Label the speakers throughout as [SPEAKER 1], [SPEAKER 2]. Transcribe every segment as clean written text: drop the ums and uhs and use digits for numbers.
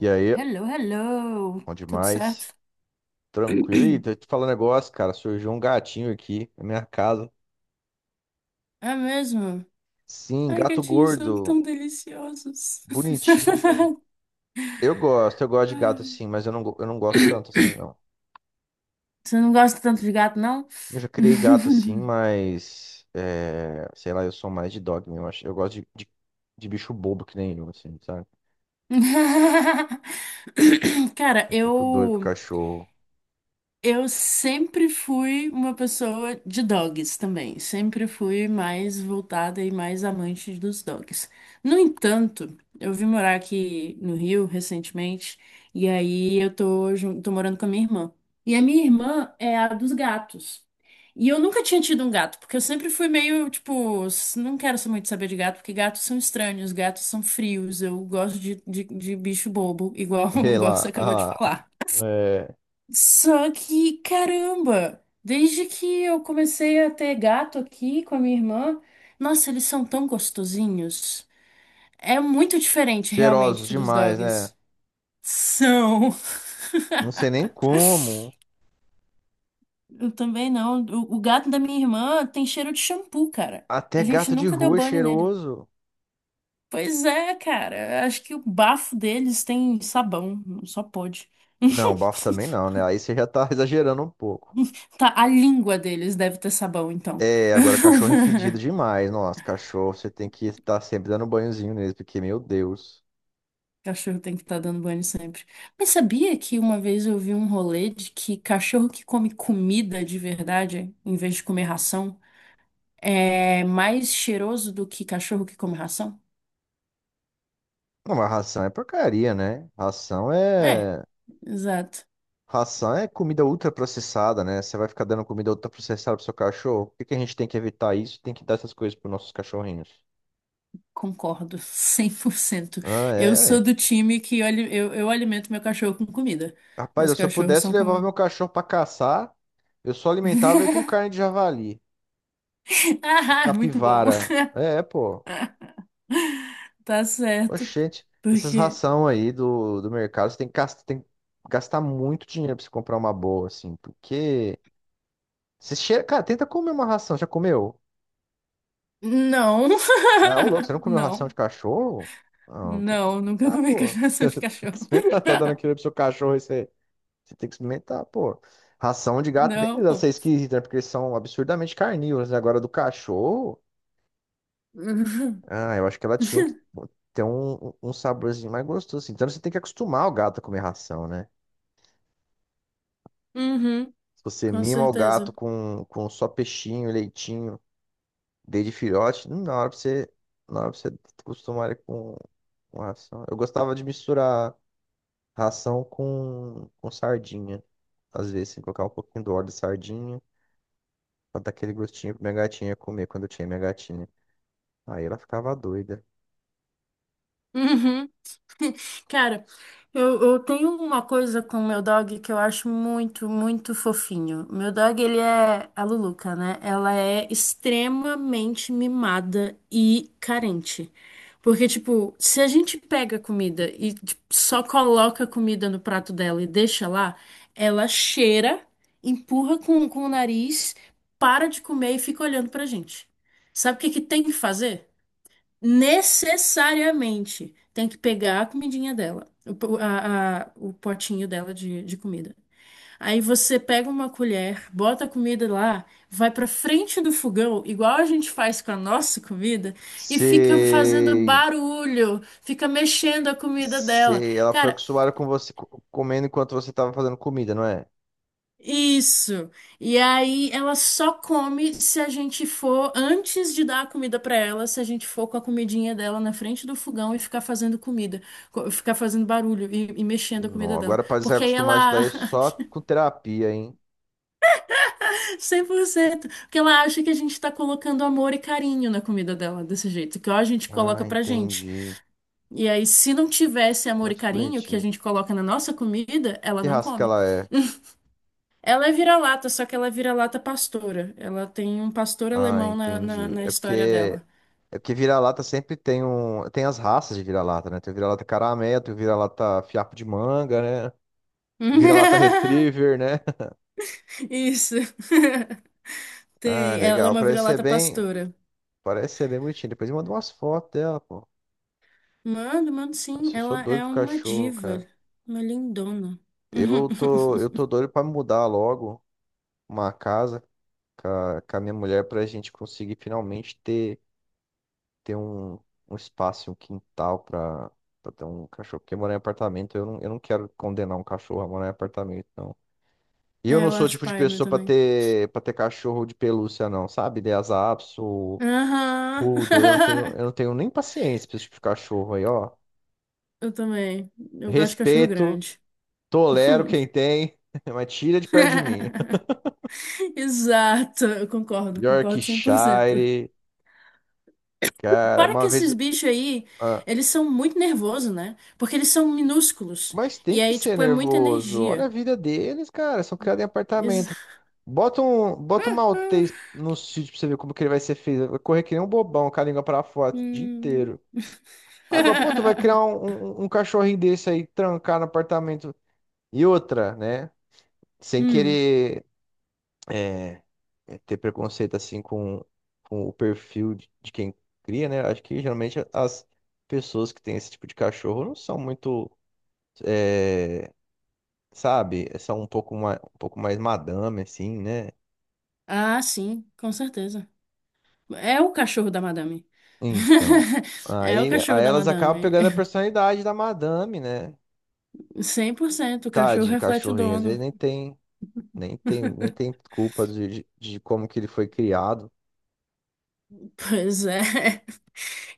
[SPEAKER 1] E aí,
[SPEAKER 2] Hello, hello!
[SPEAKER 1] bom
[SPEAKER 2] Tudo
[SPEAKER 1] demais.
[SPEAKER 2] certo?
[SPEAKER 1] Tranquilo. Ih, tô te falando um negócio, cara. Surgiu um gatinho aqui na minha casa.
[SPEAKER 2] É mesmo?
[SPEAKER 1] Sim,
[SPEAKER 2] Ai,
[SPEAKER 1] gato
[SPEAKER 2] gatinhos são
[SPEAKER 1] gordo.
[SPEAKER 2] tão deliciosos.
[SPEAKER 1] Bonitinho. Eu gosto de gato
[SPEAKER 2] Ai.
[SPEAKER 1] assim, mas eu não gosto tanto assim, não.
[SPEAKER 2] Você não gosta tanto de gato, não?
[SPEAKER 1] Eu já criei gato assim, sei lá, eu sou mais de dog mesmo. Eu gosto de bicho bobo que nem eu, assim, sabe?
[SPEAKER 2] Cara,
[SPEAKER 1] Eu fico doido pro
[SPEAKER 2] eu.
[SPEAKER 1] cachorro.
[SPEAKER 2] Eu sempre fui uma pessoa de dogs também. Sempre fui mais voltada e mais amante dos dogs. No entanto, eu vim morar aqui no Rio recentemente e aí eu tô, tô morando com a minha irmã. E a minha irmã é a dos gatos. E eu nunca tinha tido um gato, porque eu sempre fui meio, tipo, não quero só muito saber de gato, porque gatos são estranhos, gatos são frios, eu gosto de bicho bobo, igual,
[SPEAKER 1] Sei
[SPEAKER 2] igual você
[SPEAKER 1] lá.
[SPEAKER 2] acabou de falar.
[SPEAKER 1] É,
[SPEAKER 2] Só que, caramba, desde que eu comecei a ter gato aqui com a minha irmã, nossa, eles são tão gostosinhos. É muito diferente
[SPEAKER 1] Cheirosos
[SPEAKER 2] realmente dos
[SPEAKER 1] demais, né?
[SPEAKER 2] dogs. São.
[SPEAKER 1] Não sei nem como.
[SPEAKER 2] Eu também não. O gato da minha irmã tem cheiro de shampoo, cara. E
[SPEAKER 1] Até
[SPEAKER 2] a gente
[SPEAKER 1] gato de
[SPEAKER 2] nunca deu
[SPEAKER 1] rua é
[SPEAKER 2] banho nele.
[SPEAKER 1] cheiroso.
[SPEAKER 2] Pois é, cara. Acho que o bafo deles tem sabão. Só pode.
[SPEAKER 1] Não, bafo também não, né? Aí você já tá exagerando um pouco.
[SPEAKER 2] Tá, a língua deles deve ter sabão, então.
[SPEAKER 1] É, agora cachorro é fedido demais. Nossa, cachorro, você tem que estar sempre dando banhozinho nele, porque, meu Deus.
[SPEAKER 2] Cachorro tem que estar dando banho sempre. Mas sabia que uma vez eu vi um rolê de que cachorro que come comida de verdade, em vez de comer ração, é mais cheiroso do que cachorro que come ração?
[SPEAKER 1] Não, mas ração é porcaria, né? Ração
[SPEAKER 2] É,
[SPEAKER 1] é.
[SPEAKER 2] exato.
[SPEAKER 1] Ração é comida ultraprocessada, né? Você vai ficar dando comida ultraprocessada pro seu cachorro. Por que que a gente tem que evitar isso? Tem que dar essas coisas pros nossos cachorrinhos.
[SPEAKER 2] Concordo, 100%.
[SPEAKER 1] Ah,
[SPEAKER 2] Eu
[SPEAKER 1] é, ué.
[SPEAKER 2] sou do time que eu alimento meu cachorro com comida. Meus
[SPEAKER 1] Rapaz, se eu
[SPEAKER 2] cachorros
[SPEAKER 1] pudesse,
[SPEAKER 2] são
[SPEAKER 1] eu levava
[SPEAKER 2] com.
[SPEAKER 1] meu cachorro pra caçar. Eu só alimentava ele com carne de javali,
[SPEAKER 2] Ah, muito bom.
[SPEAKER 1] capivara. É, pô.
[SPEAKER 2] Tá certo.
[SPEAKER 1] Oxente, essas
[SPEAKER 2] Porque.
[SPEAKER 1] ração aí do mercado, você tem que gastar, tem que gastar muito dinheiro pra você comprar uma boa, assim, porque você cheira, cara, tenta comer uma ração, já comeu?
[SPEAKER 2] Não.
[SPEAKER 1] Ah, ô louco, você não comeu ração de
[SPEAKER 2] Não.
[SPEAKER 1] cachorro? Não, tem que
[SPEAKER 2] Não, nunca
[SPEAKER 1] experimentar,
[SPEAKER 2] comi
[SPEAKER 1] pô.
[SPEAKER 2] cachaça de
[SPEAKER 1] Tem que
[SPEAKER 2] cachorro.
[SPEAKER 1] experimentar, tá dando aquilo pro seu cachorro, você tem que experimentar, pô. Ração de gato,
[SPEAKER 2] Não.
[SPEAKER 1] beleza, essa é esquisita, né? Porque eles são absurdamente carnívoros, né? Agora do cachorro,
[SPEAKER 2] Uhum.
[SPEAKER 1] ah, eu acho que ela tinha que ter um, um saborzinho mais gostoso, assim. Então você tem que acostumar o gato a comer ração, né?
[SPEAKER 2] Uhum,
[SPEAKER 1] Se você
[SPEAKER 2] com
[SPEAKER 1] mima o
[SPEAKER 2] certeza.
[SPEAKER 1] gato com só peixinho, leitinho, desde filhote, na hora pra você acostumar ele com ração. Eu gostava de misturar ração com sardinha. Às vezes, assim, colocar um pouquinho do óleo de sardinha pra dar aquele gostinho pra minha gatinha comer quando eu tinha minha gatinha. Aí ela ficava doida.
[SPEAKER 2] Uhum. Cara, eu tenho uma coisa com o meu dog que eu acho muito, muito fofinho. Meu dog, ele é a Luluca, né? Ela é extremamente mimada e carente. Porque, tipo, se a gente pega comida e tipo, só coloca comida no prato dela e deixa lá, ela cheira, empurra com o nariz, para de comer e fica olhando pra gente. Sabe o que que tem que fazer? Necessariamente tem que pegar a comidinha dela, o, po- a- o potinho dela de comida. Aí você pega uma colher, bota a comida lá, vai pra frente do fogão, igual a gente faz com a nossa comida, e fica fazendo
[SPEAKER 1] Sei.
[SPEAKER 2] barulho, fica mexendo a comida dela.
[SPEAKER 1] Sei. Ela foi
[SPEAKER 2] Cara,
[SPEAKER 1] acostumada com você comendo enquanto você tava fazendo comida, não é?
[SPEAKER 2] Isso. E aí ela só come se a gente for, antes de dar a comida pra ela, se a gente for com a comidinha dela na frente do fogão e ficar fazendo comida, ficar fazendo barulho e mexendo a
[SPEAKER 1] Não,
[SPEAKER 2] comida dela.
[SPEAKER 1] agora pra
[SPEAKER 2] Porque aí
[SPEAKER 1] desacostumar isso
[SPEAKER 2] ela
[SPEAKER 1] daí é só com terapia, hein?
[SPEAKER 2] 100%, porque ela acha que a gente tá colocando amor e carinho na comida dela desse jeito, que ó, a gente
[SPEAKER 1] Ah,
[SPEAKER 2] coloca pra gente.
[SPEAKER 1] entendi.
[SPEAKER 2] E aí se não tivesse amor e
[SPEAKER 1] Muito
[SPEAKER 2] carinho que a
[SPEAKER 1] bonitinho.
[SPEAKER 2] gente coloca na nossa comida, ela
[SPEAKER 1] Que
[SPEAKER 2] não
[SPEAKER 1] raça que
[SPEAKER 2] come.
[SPEAKER 1] ela é?
[SPEAKER 2] Ela é vira-lata, só que ela é vira-lata pastora. Ela tem um pastor
[SPEAKER 1] Ah,
[SPEAKER 2] alemão
[SPEAKER 1] entendi.
[SPEAKER 2] na história dela.
[SPEAKER 1] É porque vira-lata sempre tem um, tem as raças de vira-lata, né? Tem o vira-lata caramelo, tem o vira-lata fiapo de manga, né? Vira-lata retriever, né?
[SPEAKER 2] Isso.
[SPEAKER 1] Ah,
[SPEAKER 2] Tem. Ela é
[SPEAKER 1] legal.
[SPEAKER 2] uma vira-lata pastora.
[SPEAKER 1] Parece ser bem bonitinho. Depois me manda umas fotos dela, pô.
[SPEAKER 2] Mano, sim.
[SPEAKER 1] Nossa, eu sou
[SPEAKER 2] Ela
[SPEAKER 1] doido
[SPEAKER 2] é
[SPEAKER 1] pro
[SPEAKER 2] uma
[SPEAKER 1] cachorro, cara.
[SPEAKER 2] diva. Uma lindona.
[SPEAKER 1] Eu tô doido pra mudar logo uma casa com a minha mulher pra gente conseguir finalmente ter um, um espaço, um quintal pra ter um cachorro. Porque morar em apartamento, eu não quero condenar um cachorro a morar em apartamento, não. E eu
[SPEAKER 2] É,
[SPEAKER 1] não
[SPEAKER 2] eu
[SPEAKER 1] sou o
[SPEAKER 2] acho
[SPEAKER 1] tipo de
[SPEAKER 2] paia meu
[SPEAKER 1] pessoa
[SPEAKER 2] também.
[SPEAKER 1] para ter cachorro de pelúcia, não, sabe? Lhasa Apso,
[SPEAKER 2] Aham.
[SPEAKER 1] Poodle, eu não tenho nem paciência pra esse tipo de cachorro aí, ó.
[SPEAKER 2] Eu também. Eu gosto de cachorro
[SPEAKER 1] Respeito,
[SPEAKER 2] grande.
[SPEAKER 1] tolero quem tem, mas tira de perto de mim.
[SPEAKER 2] Exato. Eu concordo, concordo 100%.
[SPEAKER 1] Yorkshire, cara,
[SPEAKER 2] Para que
[SPEAKER 1] uma vez.
[SPEAKER 2] esses bichos aí,
[SPEAKER 1] ah,
[SPEAKER 2] eles são muito nervosos, né? Porque eles são minúsculos.
[SPEAKER 1] Mas tem
[SPEAKER 2] E
[SPEAKER 1] que
[SPEAKER 2] aí,
[SPEAKER 1] ser
[SPEAKER 2] tipo, é muita
[SPEAKER 1] nervoso. Olha a
[SPEAKER 2] energia.
[SPEAKER 1] vida deles, cara. São criados em apartamento.
[SPEAKER 2] Ex-
[SPEAKER 1] Bota um maltês no sítio pra você ver como que ele vai ser feito. Vai correr que nem um bobão com a língua pra fora o dia
[SPEAKER 2] Hum.
[SPEAKER 1] inteiro. Agora, pô, tu vai criar um cachorrinho desse aí, trancar no apartamento. E outra, né? Sem
[SPEAKER 2] Hum.
[SPEAKER 1] querer é, ter preconceito assim com o perfil de quem cria, né? Acho que geralmente as pessoas que têm esse tipo de cachorro não são muito. é, sabe? São um pouco mais madame, assim, né?
[SPEAKER 2] Ah, sim, com certeza. É o cachorro da madame.
[SPEAKER 1] Então,
[SPEAKER 2] É o cachorro
[SPEAKER 1] aí
[SPEAKER 2] da
[SPEAKER 1] elas acabam
[SPEAKER 2] madame.
[SPEAKER 1] pegando a personalidade da madame, né?
[SPEAKER 2] Cem por cento o cachorro
[SPEAKER 1] Tadinho,
[SPEAKER 2] reflete o
[SPEAKER 1] cachorrinho, às vezes
[SPEAKER 2] dono.
[SPEAKER 1] nem tem, nem tem, nem tem culpa de de como que ele foi criado.
[SPEAKER 2] Pois é.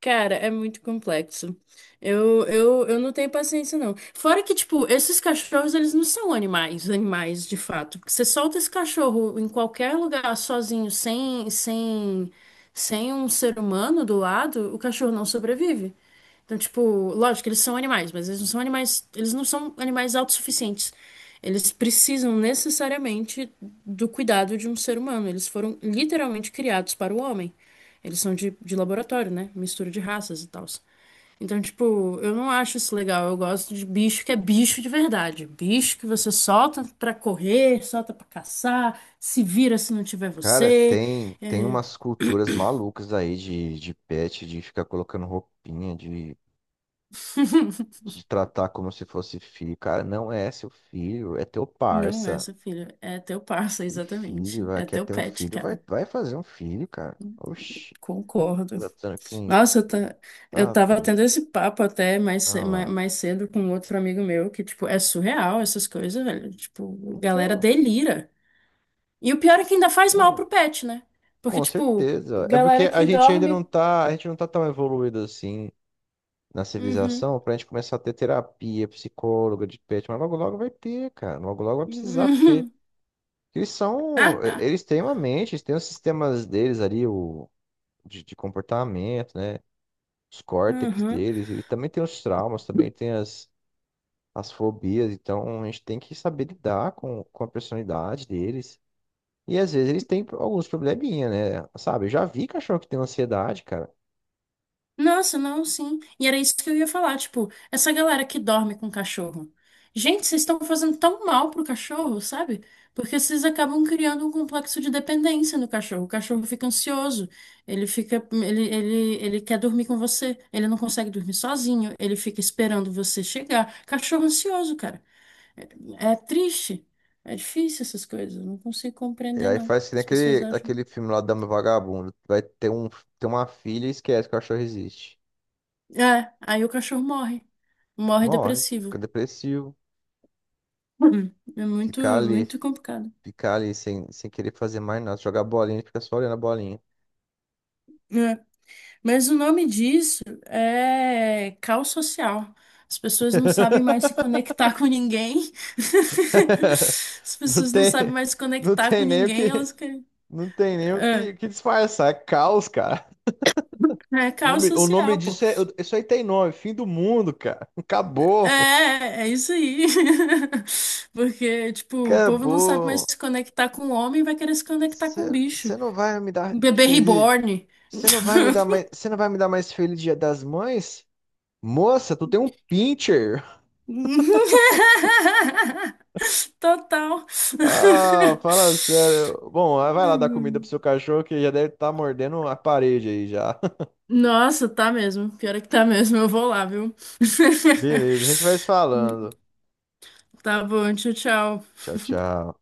[SPEAKER 2] Cara, é muito complexo. Eu não tenho paciência, não. Fora que, tipo, esses cachorros, eles não são animais, animais de fato. Porque você solta esse cachorro em qualquer lugar sozinho, sem um ser humano do lado, o cachorro não sobrevive. Então, tipo, lógico, eles são animais, mas eles não são animais, eles não são animais autossuficientes. Eles precisam necessariamente do cuidado de um ser humano. Eles foram literalmente criados para o homem. Eles são de laboratório, né? Mistura de raças e tal. Então, tipo, eu não acho isso legal. Eu gosto de bicho que é bicho de verdade. Bicho que você solta pra correr, solta pra caçar, se vira se não tiver
[SPEAKER 1] Cara,
[SPEAKER 2] você.
[SPEAKER 1] tem umas culturas malucas aí de pet, de ficar colocando roupinha, de tratar como se fosse filho. Cara, não é seu filho, é teu
[SPEAKER 2] Não é,
[SPEAKER 1] parça.
[SPEAKER 2] seu filho. É teu parça,
[SPEAKER 1] E filho,
[SPEAKER 2] exatamente. É
[SPEAKER 1] quer
[SPEAKER 2] teu
[SPEAKER 1] ter um
[SPEAKER 2] pet,
[SPEAKER 1] filho,
[SPEAKER 2] cara.
[SPEAKER 1] vai fazer um filho, cara. Oxi.
[SPEAKER 2] Concordo.
[SPEAKER 1] Tratando que nem.
[SPEAKER 2] Nossa, eu
[SPEAKER 1] Tá
[SPEAKER 2] tava
[SPEAKER 1] doido.
[SPEAKER 2] tendo esse papo até mais,
[SPEAKER 1] Ah lá.
[SPEAKER 2] mais cedo com outro amigo meu, que, tipo, é surreal essas coisas, velho. Tipo, galera
[SPEAKER 1] Então,
[SPEAKER 2] delira. E o pior é que ainda faz mal
[SPEAKER 1] ah,
[SPEAKER 2] pro pet, né? Porque,
[SPEAKER 1] com
[SPEAKER 2] tipo,
[SPEAKER 1] certeza. É porque
[SPEAKER 2] galera que dorme.
[SPEAKER 1] a gente não tá tão evoluído assim na
[SPEAKER 2] Uhum.
[SPEAKER 1] civilização pra gente começar a ter terapia, psicóloga de pet, mas logo logo vai ter, cara. Logo logo vai precisar, porque
[SPEAKER 2] Uhum.
[SPEAKER 1] eles são, eles têm uma mente, eles têm os sistemas deles ali, o de comportamento, né? Os córtex
[SPEAKER 2] Uhum.
[SPEAKER 1] deles, eles também têm os traumas, também tem as, as fobias, então a gente tem que saber lidar com a personalidade deles. E às vezes eles têm alguns probleminha, né? Sabe? Eu já vi cachorro que tem ansiedade, cara.
[SPEAKER 2] Nossa, não, sim. E era isso que eu ia falar, tipo, essa galera que dorme com cachorro. Gente, vocês estão fazendo tão mal pro cachorro, sabe? Porque vocês acabam criando um complexo de dependência no cachorro. O cachorro fica ansioso, ele quer dormir com você, ele não consegue dormir sozinho, ele fica esperando você chegar. Cachorro ansioso, cara. É triste. É difícil essas coisas, eu não consigo
[SPEAKER 1] E
[SPEAKER 2] compreender,
[SPEAKER 1] aí
[SPEAKER 2] não.
[SPEAKER 1] faz que nem
[SPEAKER 2] As pessoas
[SPEAKER 1] aquele,
[SPEAKER 2] acham.
[SPEAKER 1] aquele filme lá da Dama e o Vagabundo. Vai ter uma filha e esquece que o cachorro existe.
[SPEAKER 2] É, aí o cachorro morre. Morre
[SPEAKER 1] Morre, fica
[SPEAKER 2] depressivo.
[SPEAKER 1] depressivo,
[SPEAKER 2] É muito,
[SPEAKER 1] fica ali,
[SPEAKER 2] muito complicado.
[SPEAKER 1] fica ali sem, sem querer fazer mais nada. Jogar bolinha, ele fica só olhando a bolinha.
[SPEAKER 2] É. Mas o nome disso é caos social. As pessoas não sabem mais se conectar com ninguém. As
[SPEAKER 1] Não
[SPEAKER 2] pessoas não
[SPEAKER 1] tem,
[SPEAKER 2] sabem mais se
[SPEAKER 1] não
[SPEAKER 2] conectar com
[SPEAKER 1] tem nem o
[SPEAKER 2] ninguém,
[SPEAKER 1] que,
[SPEAKER 2] elas querem.
[SPEAKER 1] não tem nem o que,
[SPEAKER 2] É,
[SPEAKER 1] o que disfarçar. É caos, cara.
[SPEAKER 2] é caos
[SPEAKER 1] O nome
[SPEAKER 2] social, pô.
[SPEAKER 1] disso é, isso aí tem nome, fim do mundo, cara. Acabou.
[SPEAKER 2] É, é isso aí. Porque, tipo, o povo não sabe mais
[SPEAKER 1] Acabou.
[SPEAKER 2] se conectar com o homem, vai querer se conectar com o bicho.
[SPEAKER 1] Você não vai me dar
[SPEAKER 2] Um bebê
[SPEAKER 1] feliz.
[SPEAKER 2] reborn.
[SPEAKER 1] Você não vai me dar mais. Você não vai me dar mais feliz Dia das Mães? Moça, tu tem um pincher.
[SPEAKER 2] Total.
[SPEAKER 1] Ah, fala sério. Bom, ah, vai lá dar comida pro seu cachorro que já deve estar mordendo a parede aí já.
[SPEAKER 2] Nossa, tá mesmo. Pior é que tá mesmo. Eu vou lá, viu?
[SPEAKER 1] Beleza, a gente vai se falando.
[SPEAKER 2] Tá bom, tchau, tchau.
[SPEAKER 1] Tchau, tchau.